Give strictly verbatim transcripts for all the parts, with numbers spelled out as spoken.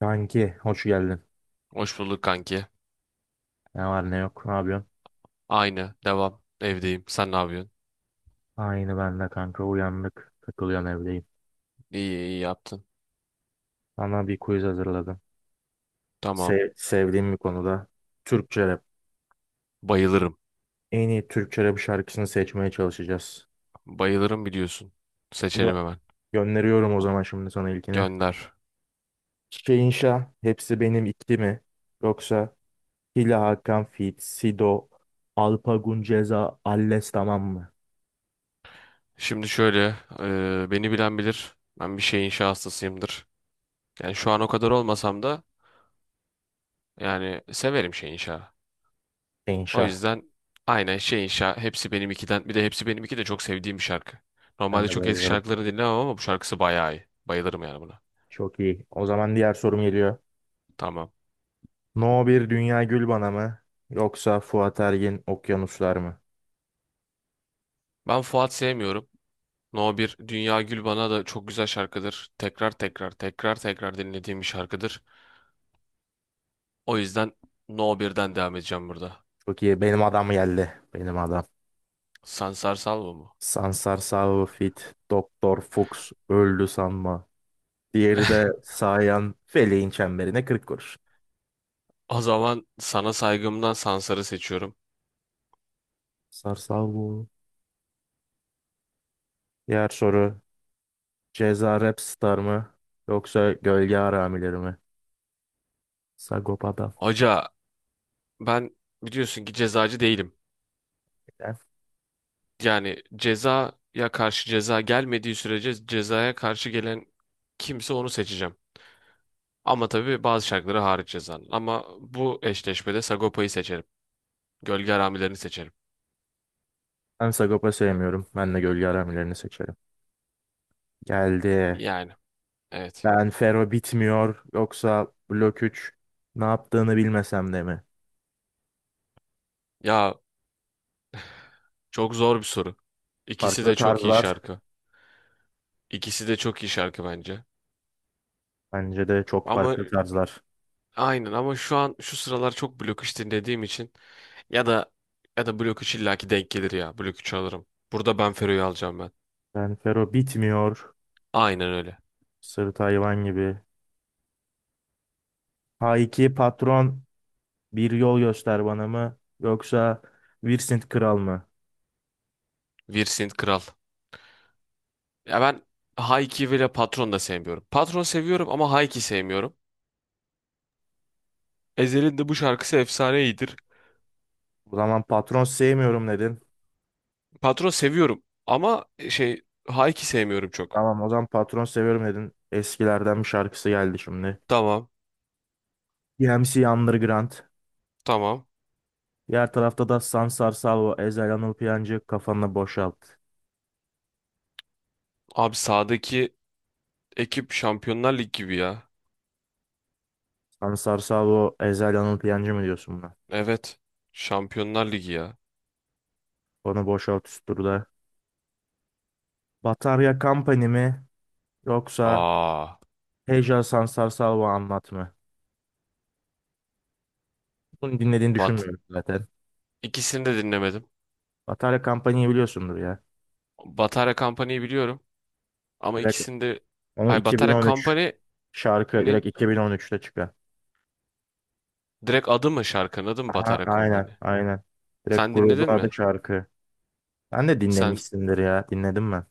Kanki hoş geldin. Hoş bulduk kanki. Ne var ne yok, ne yapıyorsun? Aynı. Devam. Evdeyim. Sen ne yapıyorsun? Aynı, ben de kanka uyandık. Takılıyorum, evdeyim. İyi iyi yaptın. Sana bir quiz hazırladım. Tamam. Se- sevdiğim bir konuda. Türkçe rap. Bayılırım. En iyi Türkçe rap şarkısını seçmeye çalışacağız. Bayılırım biliyorsun. Gö- Seçelim hemen. Gönderiyorum o zaman şimdi sana ilkini. Gönder. Çiçeğin inşa Hepsi Benim ikili mi? Yoksa Hila Hakan Fit, Sido, Alpagun Ceza, Alles tamam mı? Şimdi şöyle. E, beni bilen bilir. Ben bir şey inşa hastasıyımdır. Yani şu an o kadar olmasam da yani severim şey inşa. Çiçek O İnşa. yüzden aynen şey inşa. Hepsi benim ikiden. Bir de hepsi benim iki de çok sevdiğim bir şarkı. Ben Normalde de çok eski bayılırım. şarkılarını dinlemem ama bu şarkısı bayağı iyi. Bayılırım yani buna. Çok iyi. O zaman diğer sorum geliyor. Tamam. No bir Dünya Gülbana mı? Yoksa Fuat Ergin Okyanuslar mı? Ben Fuat sevmiyorum. No bir Dünya Gül bana da çok güzel şarkıdır. Tekrar tekrar tekrar tekrar dinlediğim bir şarkıdır. O yüzden No birden devam edeceğim burada. Çok iyi. Benim adam geldi. Benim adam. Sansar Salvo mu? Sansar Sağ Fit. Doktor Fuchs. Öldü sanma. Diğeri de Sayan Feleğin çemberine kırk kuruş. O zaman sana saygımdan Sansar'ı seçiyorum. Sansar Sağ. Diğer soru. Ceza Rap Star mı? Yoksa Gölge Haramileri mi? Sagopa'da. Hoca, ben biliyorsun ki cezacı değilim. Yani cezaya karşı ceza gelmediği sürece cezaya karşı gelen kimse onu seçeceğim. Ama tabii bazı şarkıları hariç cezanın. Ama bu eşleşmede Sagopa'yı seçerim. Gölge Haramilerini seçerim. Ben Sagopa sevmiyorum. Ben de Gölge Haramilerini seçerim. Geldi. Yani evet. Ben Fero bitmiyor yoksa Blok üç ne yaptığını bilmesem de mi? Ya çok zor bir soru. İkisi Farklı de çok iyi tarzlar. şarkı. İkisi de çok iyi şarkı bence. Bence de çok Ama farklı tarzlar. aynen ama şu an şu sıralar çok Blok üç dinlediğim için ya da ya da Blok üç illaki denk gelir ya. Blok üç alırım. Burada Ben Fero'yu alacağım ben. Ben Fero bitmiyor. Aynen öyle. Sırt hayvan gibi. H iki patron bir yol göster bana mı? Yoksa Vincent kral mı? Virsint Kral. Ya ben Hayki ve Patron da sevmiyorum. Patron seviyorum ama Hayki sevmiyorum. Ezhel'in de bu şarkısı efsane iyidir. O zaman patron sevmiyorum dedin. Patron seviyorum ama e, şey Hayki sevmiyorum çok. Tamam, o zaman patron seviyorum dedin. Eskilerden bir şarkısı geldi şimdi. Tamam. D M C Underground. Tamam. Diğer tarafta da Sansar Salvo, Ezel Anıl Piyancı kafanı boşalt. Abi sağdaki ekip Şampiyonlar Ligi gibi ya. Ansar Sabo, Ezel Anıl Piyancı mı diyorsun buna? Evet. Şampiyonlar Ligi ya. Onu boşalt üst turda. Batarya Company mi yoksa Aa, Heja Sansar Salvo anlat mı? Bunu dinlediğini Bat. düşünmüyorum zaten. İkisini de dinlemedim. Batarya Company'yi biliyorsundur ya. Batarya Company'yi biliyorum ama Direkt ikisini de... onun Ay Batarya iki bin on üç Company'nin şarkı, direkt iki bin on üçte çıkan. direkt adı mı, şarkının adı mı Aha, Batarya aynen Company? aynen. Direkt Sen grubun dinledin adı mi? şarkı. Ben de Sen dinlemişsindir ya. Dinledim ben.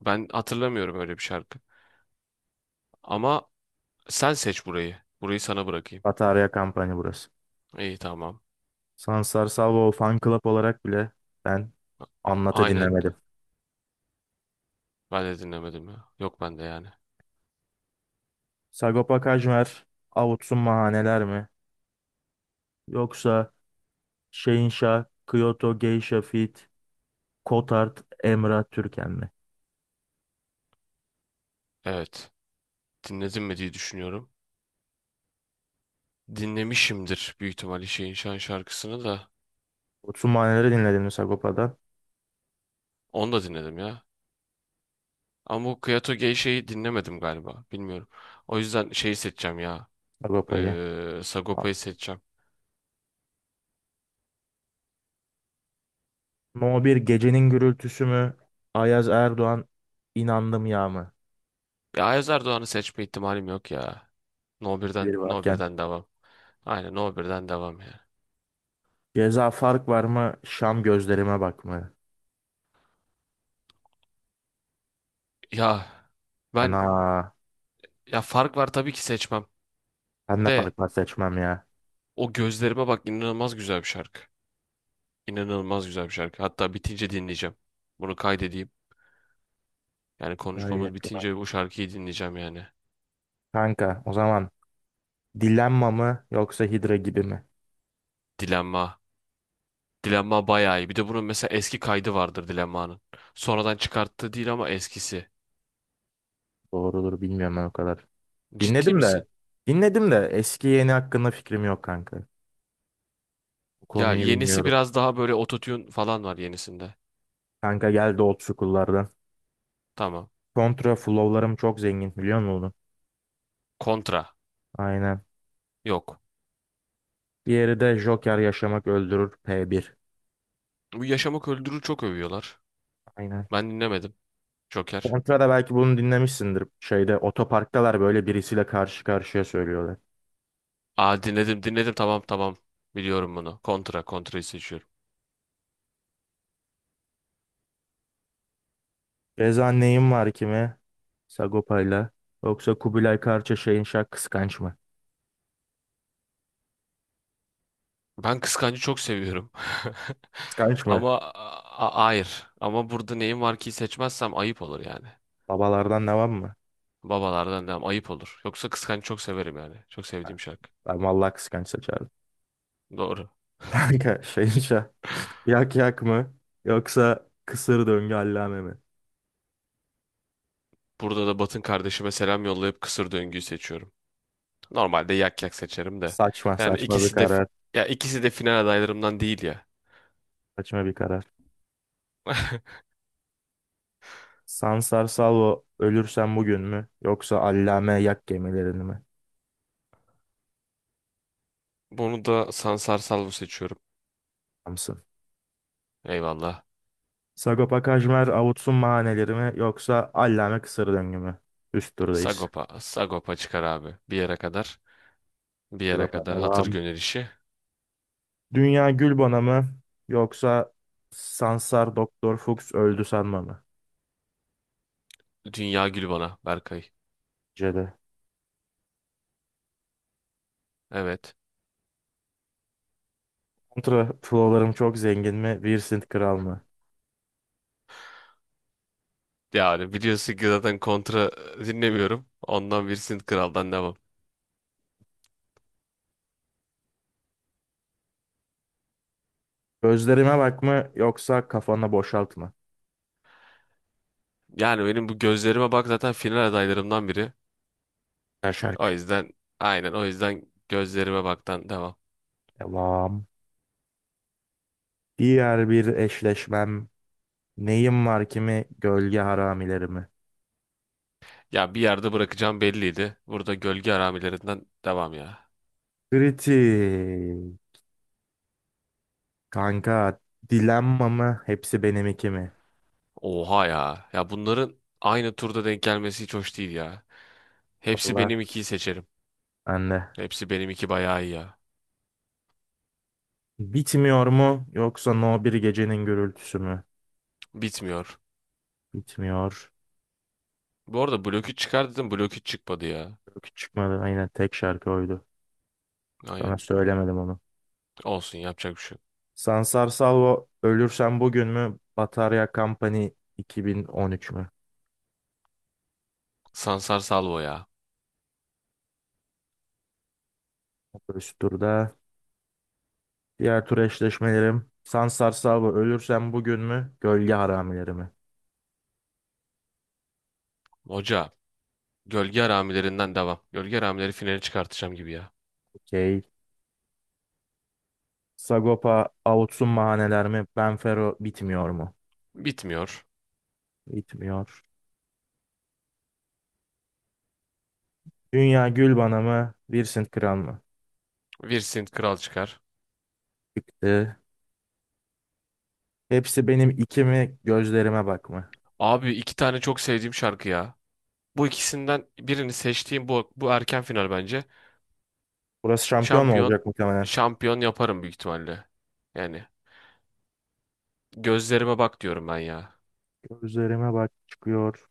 Ben hatırlamıyorum öyle bir şarkı. Ama sen seç burayı. Burayı sana bırakayım. Batarya Company burası. İyi, tamam. Sansar Salvo Fan Club olarak bile ben Anlat'ı Aynen. dinlemedim. Ben de dinlemedim ya. Yok bende yani. Sagopa Kajmer avutsun mahaneler mi? Yoksa Şehinşah, Kyoto, Geisha Fit, Kotart, Emrah Türken mi? Evet. Dinledim mi diye düşünüyorum. Dinlemişimdir büyük ihtimalle şeyin şan şarkısını da. Avutsun mahaneleri dinledin mi Sagopa'dan? Onu da dinledim ya. Ama bu Kyoto Geisha'yı dinlemedim galiba. Bilmiyorum. O yüzden şeyi seçeceğim ya. Sagopa'yı. Ee, Sagopa'yı seçeceğim. No bir Gecenin Gürültüsü mü? Ayaz Erdoğan inandım ya mı? Ya Ayaz Erdoğan'ı seçme ihtimalim yok ya. No birden, Bir No varken. birden devam. Aynen No birden devam ya. Ceza fark var mı? Şam gözlerime bak mı? Ya Fena. ben ya fark var, tabii ki seçmem. Ben de De fark var seçmem ya. o gözlerime bak inanılmaz güzel bir şarkı. İnanılmaz güzel bir şarkı. Hatta bitince dinleyeceğim. Bunu kaydedeyim. Yani Vay konuşmamız yakına. bitince bu şarkıyı dinleyeceğim yani. Kanka o zaman Dilemma mı yoksa Hidra gibi mi? Dilenma. Dilenma bayağı iyi. Bir de bunun mesela eski kaydı vardır Dilenma'nın. Sonradan çıkarttığı değil ama eskisi. Doğrudur, bilmiyorum ben o kadar. Ciddi Dinledim de misin? dinledim de eski yeni hakkında fikrim yok kanka. Bu Ya konuyu yenisi bilmiyorum. biraz daha böyle ototune falan var yenisinde. Kanka geldi old school'lardan. Tamam. Contra flow'larım çok zengin, biliyor musun onu? Kontra. Aynen. Yok. Diğeri de Joker Yaşamak Öldürür P bir. Bu Yaşamak Öldürür çok övüyorlar. Aynen. Ben dinlemedim. Joker. Contra'da belki bunu dinlemişsindir. Şeyde otoparktalar, böyle birisiyle karşı karşıya söylüyorlar. Aa dinledim dinledim, tamam tamam. Biliyorum bunu. Kontra. Kontra'yı seçiyorum. Reza neyim var kime? Sagopa'yla. Yoksa Kubilay Karça Şahin Şah kıskanç mı? Ben Kıskancı çok seviyorum. Kıskanç mı? Ama a- a- hayır. Ama burada neyim var ki, seçmezsem ayıp olur yani. Babalardan devam mı? Babalardan devam. Ayıp olur. Yoksa Kıskanç çok severim yani. Çok Ha, sevdiğim şarkı. ben vallahi kıskanç seçerdim. Doğru. Kanka Şahin Şah Yak yak mı? Yoksa kısır döngü allame mi? Burada da Batın kardeşime selam yollayıp kısır döngüyü seçiyorum. Normalde yak yak seçerim de. Saçma Yani saçma bir ikisi de karar. Ya ikisi de final adaylarımdan değil ya. Saçma bir karar. Sansar Salvo ölürsen bugün mü? Yoksa allame yak gemilerini mi? Bunu da Sansar Salvo seçiyorum. Samsın. Eyvallah. Sagopa Kajmer avutsun mahaneleri mi? Yoksa allame kısır döngü mü? Üst turdayız. Sagopa. Sagopa çıkar abi. Bir yere kadar. Bir yere Sagopa kadar. Hatır devam. gönül işi. Dünya Gülbana mı? Yoksa Sansar Doktor Fuchs öldü sanma mı? Dünya gül bana Berkay. Cede. Evet. Kontra flowlarım çok zengin mi? Vincent Kral mı? Yani biliyorsun ki zaten kontra e, dinlemiyorum. Ondan bir Sint Kral'dan devam. Gözlerime bakma yoksa kafanı boşaltma. Yani benim bu gözlerime bak zaten final adaylarımdan biri. Şarkı. O yüzden aynen O yüzden gözlerime baktan devam. Devam. Diğer bir eşleşmem. Neyim var kimi gölge haramilerimi. Ya bir yerde bırakacağım belliydi. Burada gölge aramilerinden devam ya. Kritik. Kanka dilenma mı hepsi benim iki mi? Oha ya. Ya bunların aynı turda denk gelmesi hiç hoş değil ya. Hepsi Allah. benim ikiyi seçerim. Anne. Hepsi benim iki bayağı iyi ya. Bitmiyor mu yoksa No bir gecenin gürültüsü mü? Bitmiyor. Bitmiyor. Bu arada blok üç çıkar dedim, blok üç çıkmadı ya. Yok, hiç çıkmadı. Aynen tek şarkı oydu. Aynen. Sana söylemedim onu. Olsun, yapacak bir şey yok. Sansar Salvo Ölürsem Bugün mü? Batarya Company iki bin on üç mü? Sansar Salvo ya. Üst turda. Diğer tur eşleşmelerim. Sansar Sabo ölürsem bugün mü? Gölge haramileri mi? Hoca. Gölge aramilerinden devam. Gölge aramileri finali çıkartacağım gibi ya. Okey. Sagopa avutsun mahaneler mi? Benfero bitmiyor mu? Bitmiyor. Bitmiyor. Dünya gül bana mı? Vincent Kral mı? Virsint Kral çıkar. Çıktı. Hepsi benim iki mi? Gözlerime bak mı? Abi iki tane çok sevdiğim şarkı ya. Bu ikisinden birini seçtiğim, bu bu erken final bence. Burası şampiyon mu Şampiyon olacak muhtemelen? şampiyon yaparım büyük ihtimalle. Yani gözlerime bak diyorum ben ya. Gözlerime bak çıkıyor.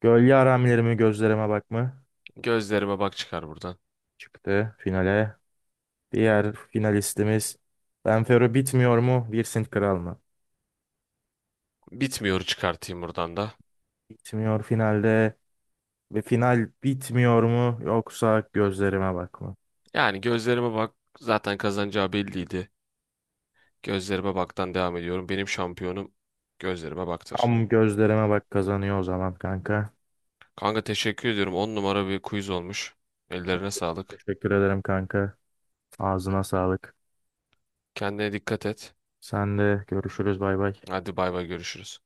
Gölge haramileri mi? Gözlerime bak mı? Gözlerime bak çıkar buradan. Çıktı finale. Diğer finalistimiz Benfero bitmiyor mu? Vincent Kral mı? Bitmiyor, çıkartayım buradan da. Bitmiyor finalde ve final bitmiyor mu yoksa gözlerime bak mı? Yani gözlerime bak zaten kazanacağı belliydi. Gözlerime baktan devam ediyorum. Benim şampiyonum gözlerime baktır. Tam gözlerime bak kazanıyor o zaman kanka. Kanka teşekkür ediyorum. On numara bir quiz olmuş. Ellerine sağlık. Teşekkür ederim kanka. Ağzına sağlık. Kendine dikkat et. Sen de görüşürüz, bay bay. Hadi bay bay, görüşürüz.